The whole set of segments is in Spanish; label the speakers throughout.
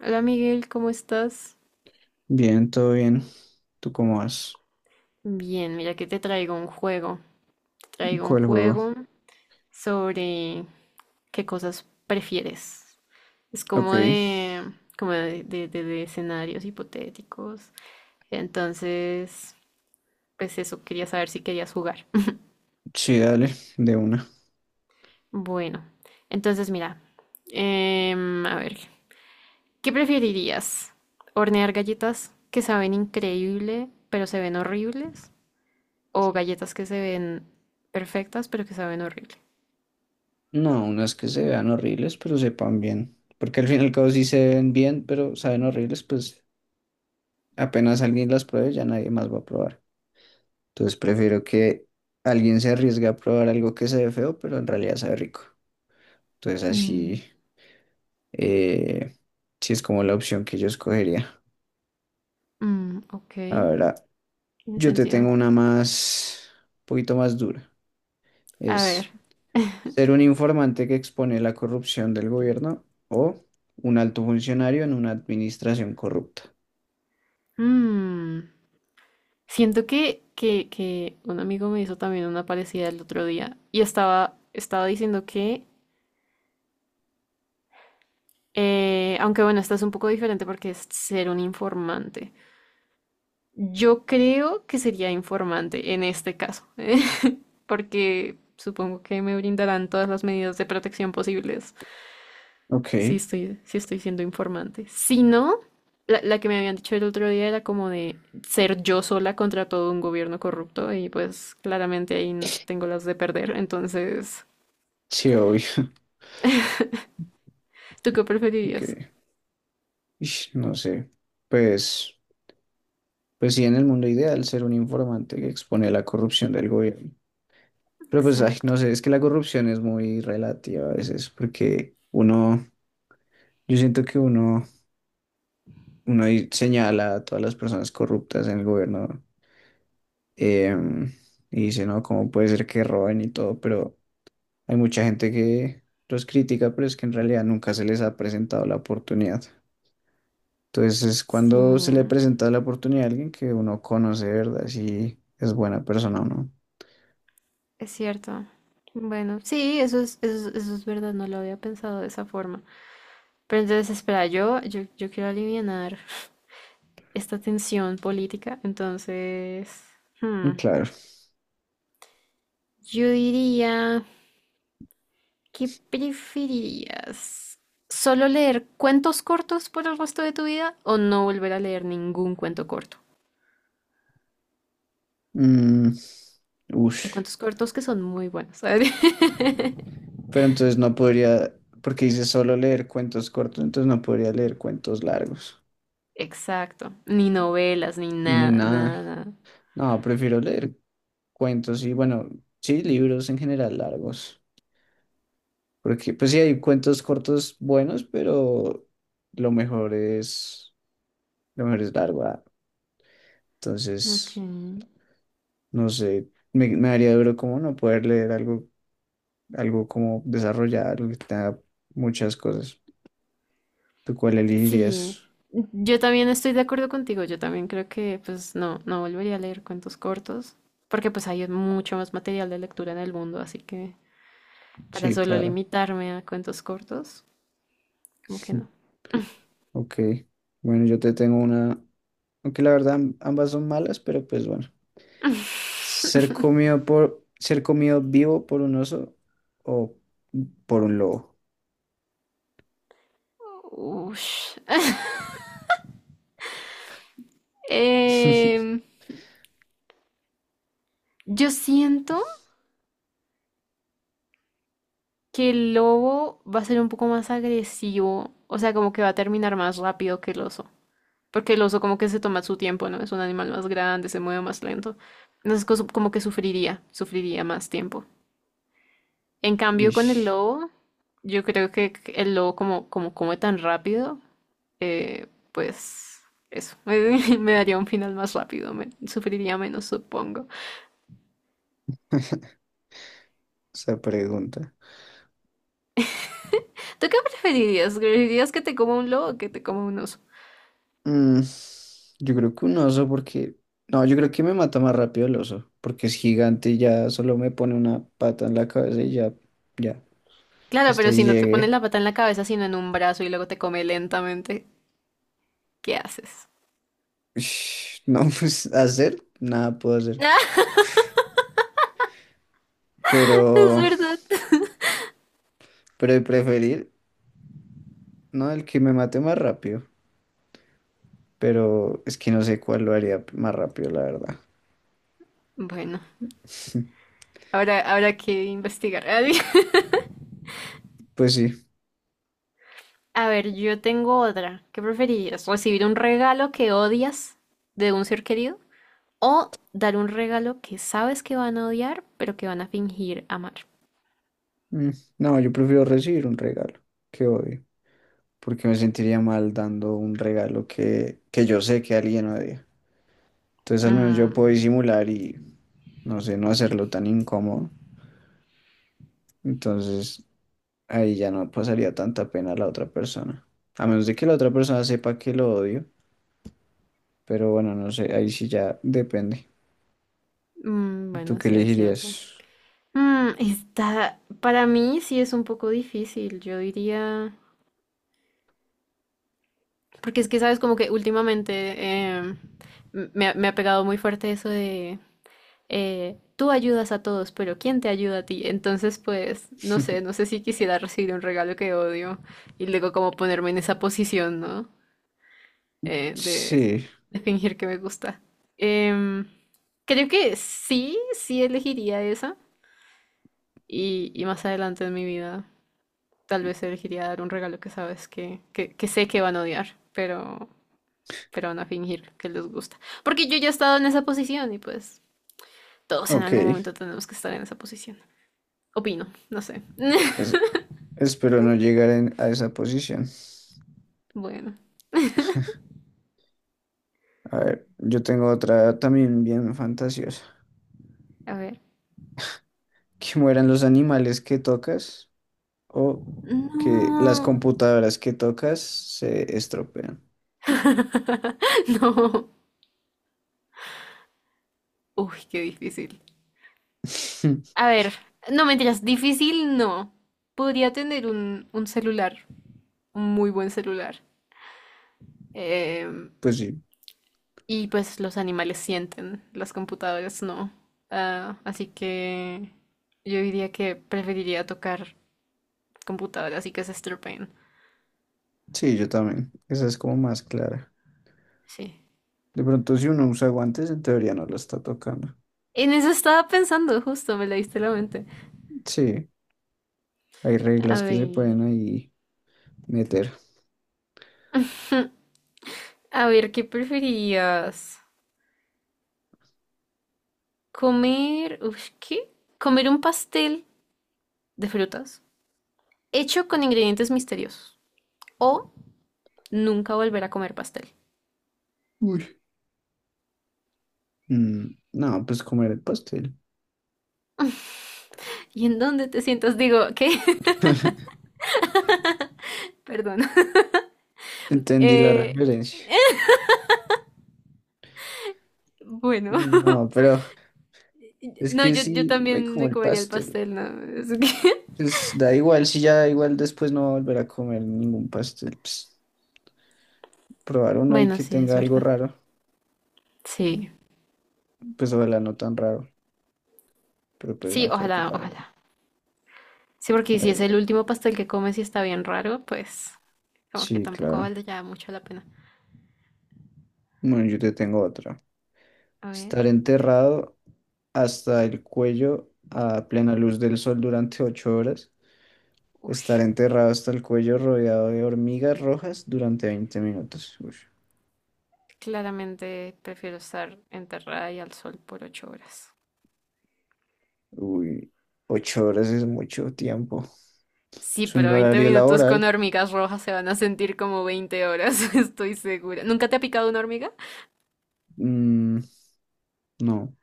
Speaker 1: Hola Miguel, ¿cómo estás?
Speaker 2: Bien, todo bien. ¿Tú cómo vas?
Speaker 1: Bien, mira que te traigo un juego. Te traigo un
Speaker 2: ¿Cuál juego?
Speaker 1: juego sobre qué cosas prefieres. Es
Speaker 2: Ok,
Speaker 1: como de, de escenarios hipotéticos. Entonces, pues eso, quería saber si querías jugar.
Speaker 2: sí, dale, de una.
Speaker 1: Bueno, entonces mira, a ver, ¿qué preferirías? ¿Hornear galletas que saben increíble pero se ven horribles? ¿O galletas que se ven perfectas pero que saben horrible?
Speaker 2: No, unas que se vean horribles, pero sepan bien. Porque al fin y al cabo sí se ven bien, pero saben horribles, pues apenas alguien las pruebe, ya nadie más va a probar. Entonces prefiero que alguien se arriesgue a probar algo que se ve feo, pero en realidad sabe rico. Entonces
Speaker 1: Mm.
Speaker 2: así, eh, sí es como la opción que yo escogería.
Speaker 1: Mm, ok,
Speaker 2: Ahora,
Speaker 1: tiene
Speaker 2: yo te
Speaker 1: sentido.
Speaker 2: tengo una más, un poquito más dura.
Speaker 1: A
Speaker 2: Es...
Speaker 1: ver,
Speaker 2: Ser un informante que expone la corrupción del gobierno o un alto funcionario en una administración corrupta.
Speaker 1: mm, siento que un amigo me hizo también una parecida el otro día y estaba diciendo que, aunque bueno, esta es un poco diferente porque es ser un informante. Yo creo que sería informante en este caso, porque supongo que me brindarán todas las medidas de protección posibles.
Speaker 2: Ok,
Speaker 1: Sí estoy siendo informante. Si no, la que me habían dicho el otro día era como de ser yo sola contra todo un gobierno corrupto y pues claramente ahí tengo las de perder. Entonces,
Speaker 2: sí, obvio.
Speaker 1: ¿tú qué preferirías?
Speaker 2: Ok, ish, no sé. Pues, pues sí, en el mundo ideal ser un informante que expone la corrupción del gobierno. Pero pues, ay,
Speaker 1: Exacto.
Speaker 2: no sé, es que la corrupción es muy relativa a veces porque uno, yo siento que uno, ahí señala a todas las personas corruptas en el gobierno, em, y dice, no, ¿cómo puede ser que roben y todo? Pero... Hay mucha gente que los critica, pero es que en realidad nunca se les ha presentado la oportunidad. Entonces es
Speaker 1: Sí,
Speaker 2: cuando se le presenta la oportunidad a alguien que uno conoce, de ¿verdad? Si es buena persona o no.
Speaker 1: es cierto. Bueno, sí, eso es verdad, no lo había pensado de esa forma. Pero entonces, espera, yo quiero alivianar esta tensión política. Entonces, hmm,
Speaker 2: Mm, claro.
Speaker 1: yo diría. ¿Qué preferirías? ¿Solo leer cuentos cortos por el resto de tu vida o no volver a leer ningún cuento corto?
Speaker 2: Mm,
Speaker 1: Hay
Speaker 2: ush.
Speaker 1: cuentos cortos que son muy buenos, ¿sabes?
Speaker 2: Pero entonces no podría, porque dice solo leer cuentos cortos, entonces no podría leer cuentos largos,
Speaker 1: Exacto. Ni novelas, ni
Speaker 2: ni
Speaker 1: nada,
Speaker 2: nada.
Speaker 1: nada,
Speaker 2: No, prefiero leer cuentos y bueno, sí, libros en general largos. Porque pues sí hay cuentos cortos buenos, pero lo mejor es, lo mejor es largo. Ah.
Speaker 1: nada. Ok.
Speaker 2: Entonces, no sé, me daría duro como no poder leer algo, algo como desarrollado, algo que tenga muchas cosas. ¿Tú cuál
Speaker 1: Sí,
Speaker 2: elegirías?
Speaker 1: yo también estoy de acuerdo contigo. Yo también creo que, pues, no, no volvería a leer cuentos cortos, porque pues hay mucho más material de lectura en el mundo, así que para
Speaker 2: Sí,
Speaker 1: solo
Speaker 2: claro.
Speaker 1: limitarme a cuentos cortos, como que no.
Speaker 2: Ok. Bueno, yo te tengo una, aunque la verdad ambas son malas, pero pues bueno. Ser comido por, ser comido vivo por un oso o por un lobo.
Speaker 1: Ush. Em, yo siento que el lobo va a ser un poco más agresivo, o sea, como que va a terminar más rápido que el oso, porque el oso como que se toma su tiempo, ¿no? Es un animal más grande, se mueve más lento, entonces como que sufriría, sufriría más tiempo. En cambio, con el
Speaker 2: Ish.
Speaker 1: lobo, yo creo que el lobo como come tan rápido, pues eso, me daría un final más rápido, sufriría menos, supongo.
Speaker 2: Esa pregunta.
Speaker 1: ¿Tú qué preferirías? ¿Preferirías que te coma un lobo o que te coma un oso?
Speaker 2: Mm, yo creo que un oso porque... No, yo creo que me mata más rápido el oso, porque es gigante y ya solo me pone una pata en la cabeza y ya, ya,
Speaker 1: Claro,
Speaker 2: hasta
Speaker 1: pero
Speaker 2: ahí
Speaker 1: si no te pones
Speaker 2: llegué.
Speaker 1: la pata en la cabeza, sino en un brazo y luego te come lentamente, ¿qué haces?
Speaker 2: Ush, no, pues hacer, nada puedo hacer.
Speaker 1: Ah, es
Speaker 2: Pero,
Speaker 1: verdad.
Speaker 2: pero de preferir, no, el que me mate más rápido. Pero es que no sé cuál lo haría más rápido, la verdad.
Speaker 1: Bueno, ahora habrá que investigar.
Speaker 2: Pues sí.
Speaker 1: A ver, yo tengo otra. ¿Qué preferirías? ¿Recibir un regalo que odias de un ser querido? ¿O dar un regalo que sabes que van a odiar, pero que van a fingir amar?
Speaker 2: mm, No, yo prefiero recibir un regalo. Qué odio. Porque me sentiría mal dando un regalo que yo sé que alguien odia. Entonces al menos yo puedo
Speaker 1: Mm.
Speaker 2: disimular y, no sé, no hacerlo tan incómodo. Entonces ahí ya no pasaría tanta pena a la otra persona. A menos de que la otra persona sepa que lo odio, pero bueno, no sé, ahí sí ya depende.
Speaker 1: Mm,
Speaker 2: ¿Tú
Speaker 1: bueno,
Speaker 2: qué
Speaker 1: sí, es cierto.
Speaker 2: elegirías?
Speaker 1: Mm, está, para mí sí es un poco difícil. Yo diría. Porque es que, sabes, como que últimamente em, ha me ha pegado muy fuerte eso de tú ayudas a todos, pero ¿quién te ayuda a ti? Entonces, pues, no sé, no sé si quisiera recibir un regalo que odio y luego como ponerme en esa posición, ¿no? Eh, de,
Speaker 2: Sí,
Speaker 1: de fingir que me gusta. Em, creo que sí, sí elegiría esa y más adelante en mi vida tal vez elegiría dar un regalo que sabes que sé que van a odiar, pero van a fingir que les gusta. Porque yo ya he estado en esa posición y pues todos en
Speaker 2: ok.
Speaker 1: algún momento tenemos que estar en esa posición. Opino, no sé.
Speaker 2: Pues espero no llegar a esa posición.
Speaker 1: Bueno,
Speaker 2: A ver, yo tengo otra también bien fantasiosa.
Speaker 1: a ver.
Speaker 2: Que mueran los animales que tocas o que las
Speaker 1: No.
Speaker 2: computadoras que tocas se estropean.
Speaker 1: No. Uy, qué difícil. A ver, no mentiras, difícil no. Podría tener un celular, un muy buen celular. Eh,
Speaker 2: Pues sí,
Speaker 1: y pues los animales sienten, las computadoras no. Ah, así que yo diría que preferiría tocar computadoras y que se estropean.
Speaker 2: sí, yo también. Esa es como más clara.
Speaker 1: Sí.
Speaker 2: De pronto, si uno usa guantes, en teoría no lo está tocando.
Speaker 1: En eso estaba pensando, justo me leíste la mente.
Speaker 2: Sí, hay
Speaker 1: A
Speaker 2: reglas que se pueden
Speaker 1: ver,
Speaker 2: ahí meter.
Speaker 1: a ver, ¿qué preferías? Comer, uf, ¿qué? Comer un pastel de frutas hecho con ingredientes misteriosos o nunca volver a comer pastel.
Speaker 2: Uy. No, pues comer el pastel.
Speaker 1: ¿Y en dónde te sientas? Digo, ¿qué? Perdón.
Speaker 2: Entendí la
Speaker 1: Eh,
Speaker 2: referencia.
Speaker 1: bueno,
Speaker 2: No, pero es
Speaker 1: no,
Speaker 2: que
Speaker 1: yo
Speaker 2: sí, me
Speaker 1: también
Speaker 2: como
Speaker 1: me
Speaker 2: el
Speaker 1: comería el
Speaker 2: pastel.
Speaker 1: pastel, ¿no? Es que-
Speaker 2: Pues da igual, si ya da igual, después no va a volver a comer ningún pastel. Pues, probar uno ahí
Speaker 1: Bueno,
Speaker 2: que
Speaker 1: sí, es
Speaker 2: tenga algo
Speaker 1: verdad.
Speaker 2: raro.
Speaker 1: Sí.
Speaker 2: Pues ojalá no tan raro, pero pues
Speaker 1: Sí,
Speaker 2: no creo que
Speaker 1: ojalá,
Speaker 2: pare.
Speaker 1: ojalá. Sí,
Speaker 2: A
Speaker 1: porque si es
Speaker 2: ver,
Speaker 1: el último pastel que comes y está bien raro, pues como que
Speaker 2: sí,
Speaker 1: tampoco
Speaker 2: claro.
Speaker 1: vale ya mucho la pena.
Speaker 2: Bueno, yo te tengo otra.
Speaker 1: A ver,
Speaker 2: Estar enterrado hasta el cuello a plena luz del sol durante 8 horas. Estar
Speaker 1: uff,
Speaker 2: enterrado hasta el cuello rodeado de hormigas rojas durante 20 minutos. Uy,
Speaker 1: claramente prefiero estar enterrada y al sol por 8 horas.
Speaker 2: uy, 8 horas es mucho tiempo.
Speaker 1: Sí,
Speaker 2: Es un
Speaker 1: pero 20
Speaker 2: horario
Speaker 1: minutos con
Speaker 2: laboral.
Speaker 1: hormigas rojas se van a sentir como 20 horas, estoy segura. ¿Nunca te ha picado una hormiga?
Speaker 2: Mm, no.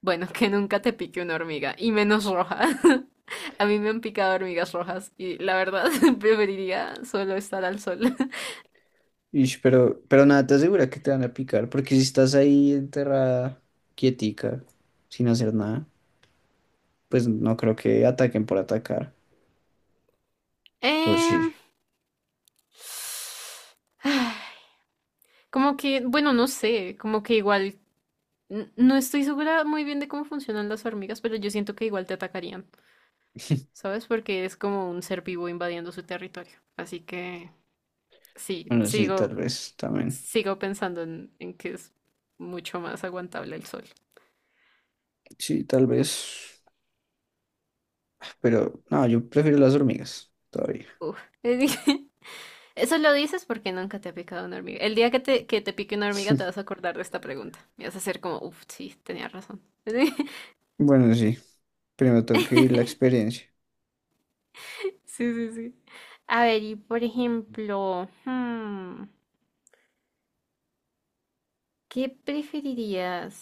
Speaker 1: Bueno, que nunca te pique una hormiga, y menos roja. A mí me han picado hormigas rojas y la verdad preferiría solo estar al sol.
Speaker 2: Ish, pero nada, te asegura que te van a picar, porque si estás ahí enterrada, quietica, sin hacer nada. Pues no creo que ataquen por atacar. O sí.
Speaker 1: Em, como que, bueno, no sé, como que igual no estoy segura muy bien de cómo funcionan las hormigas, pero yo siento que igual te atacarían, ¿sabes? Porque es como un ser vivo invadiendo su territorio. Así que sí,
Speaker 2: Bueno, sí, tal
Speaker 1: sigo,
Speaker 2: vez también.
Speaker 1: sigo pensando en que es mucho más aguantable el sol.
Speaker 2: Sí, tal vez. Pero no, yo prefiero las hormigas todavía.
Speaker 1: Uf. Eso lo dices porque nunca te ha picado una hormiga. El día que te pique una hormiga te vas a acordar de esta pregunta. Y vas a ser como, uff, sí, tenía razón.
Speaker 2: Bueno, sí. Primero tengo que vivir la experiencia.
Speaker 1: Sí, sí, sí. A ver, y por ejemplo, hmm, ¿qué preferirías?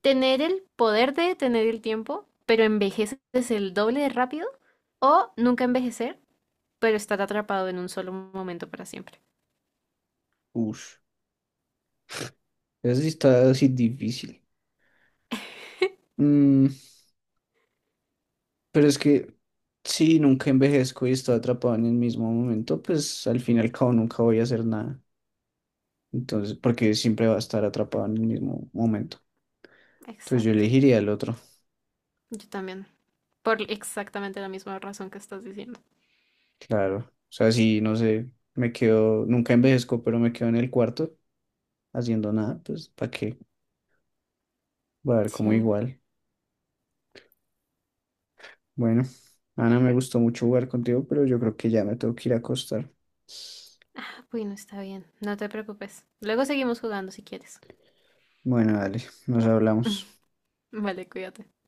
Speaker 1: Tener el poder de detener el tiempo, pero envejeces el doble de rápido, o nunca envejecer, pero estar atrapado en un solo momento para siempre.
Speaker 2: Ush. Eso sí está así difícil. Mm, pero es que si nunca envejezco y estoy atrapado en el mismo momento, pues al fin y al cabo nunca voy a hacer nada. Entonces, porque siempre va a estar atrapado en el mismo momento. Entonces yo
Speaker 1: Exacto.
Speaker 2: elegiría el otro.
Speaker 1: Yo también. Por exactamente la misma razón que estás diciendo.
Speaker 2: Claro, o sea, sí, no sé, me quedo, nunca envejezco, pero me quedo en el cuarto haciendo nada, pues, ¿para qué? Voy a ver como
Speaker 1: Sí.
Speaker 2: igual. Bueno, Ana, me gustó mucho jugar contigo, pero yo creo que ya me tengo que ir a acostar.
Speaker 1: Bueno, está bien. No te preocupes. Luego seguimos jugando si quieres.
Speaker 2: Bueno, dale, nos hablamos.
Speaker 1: Vale, cuídate.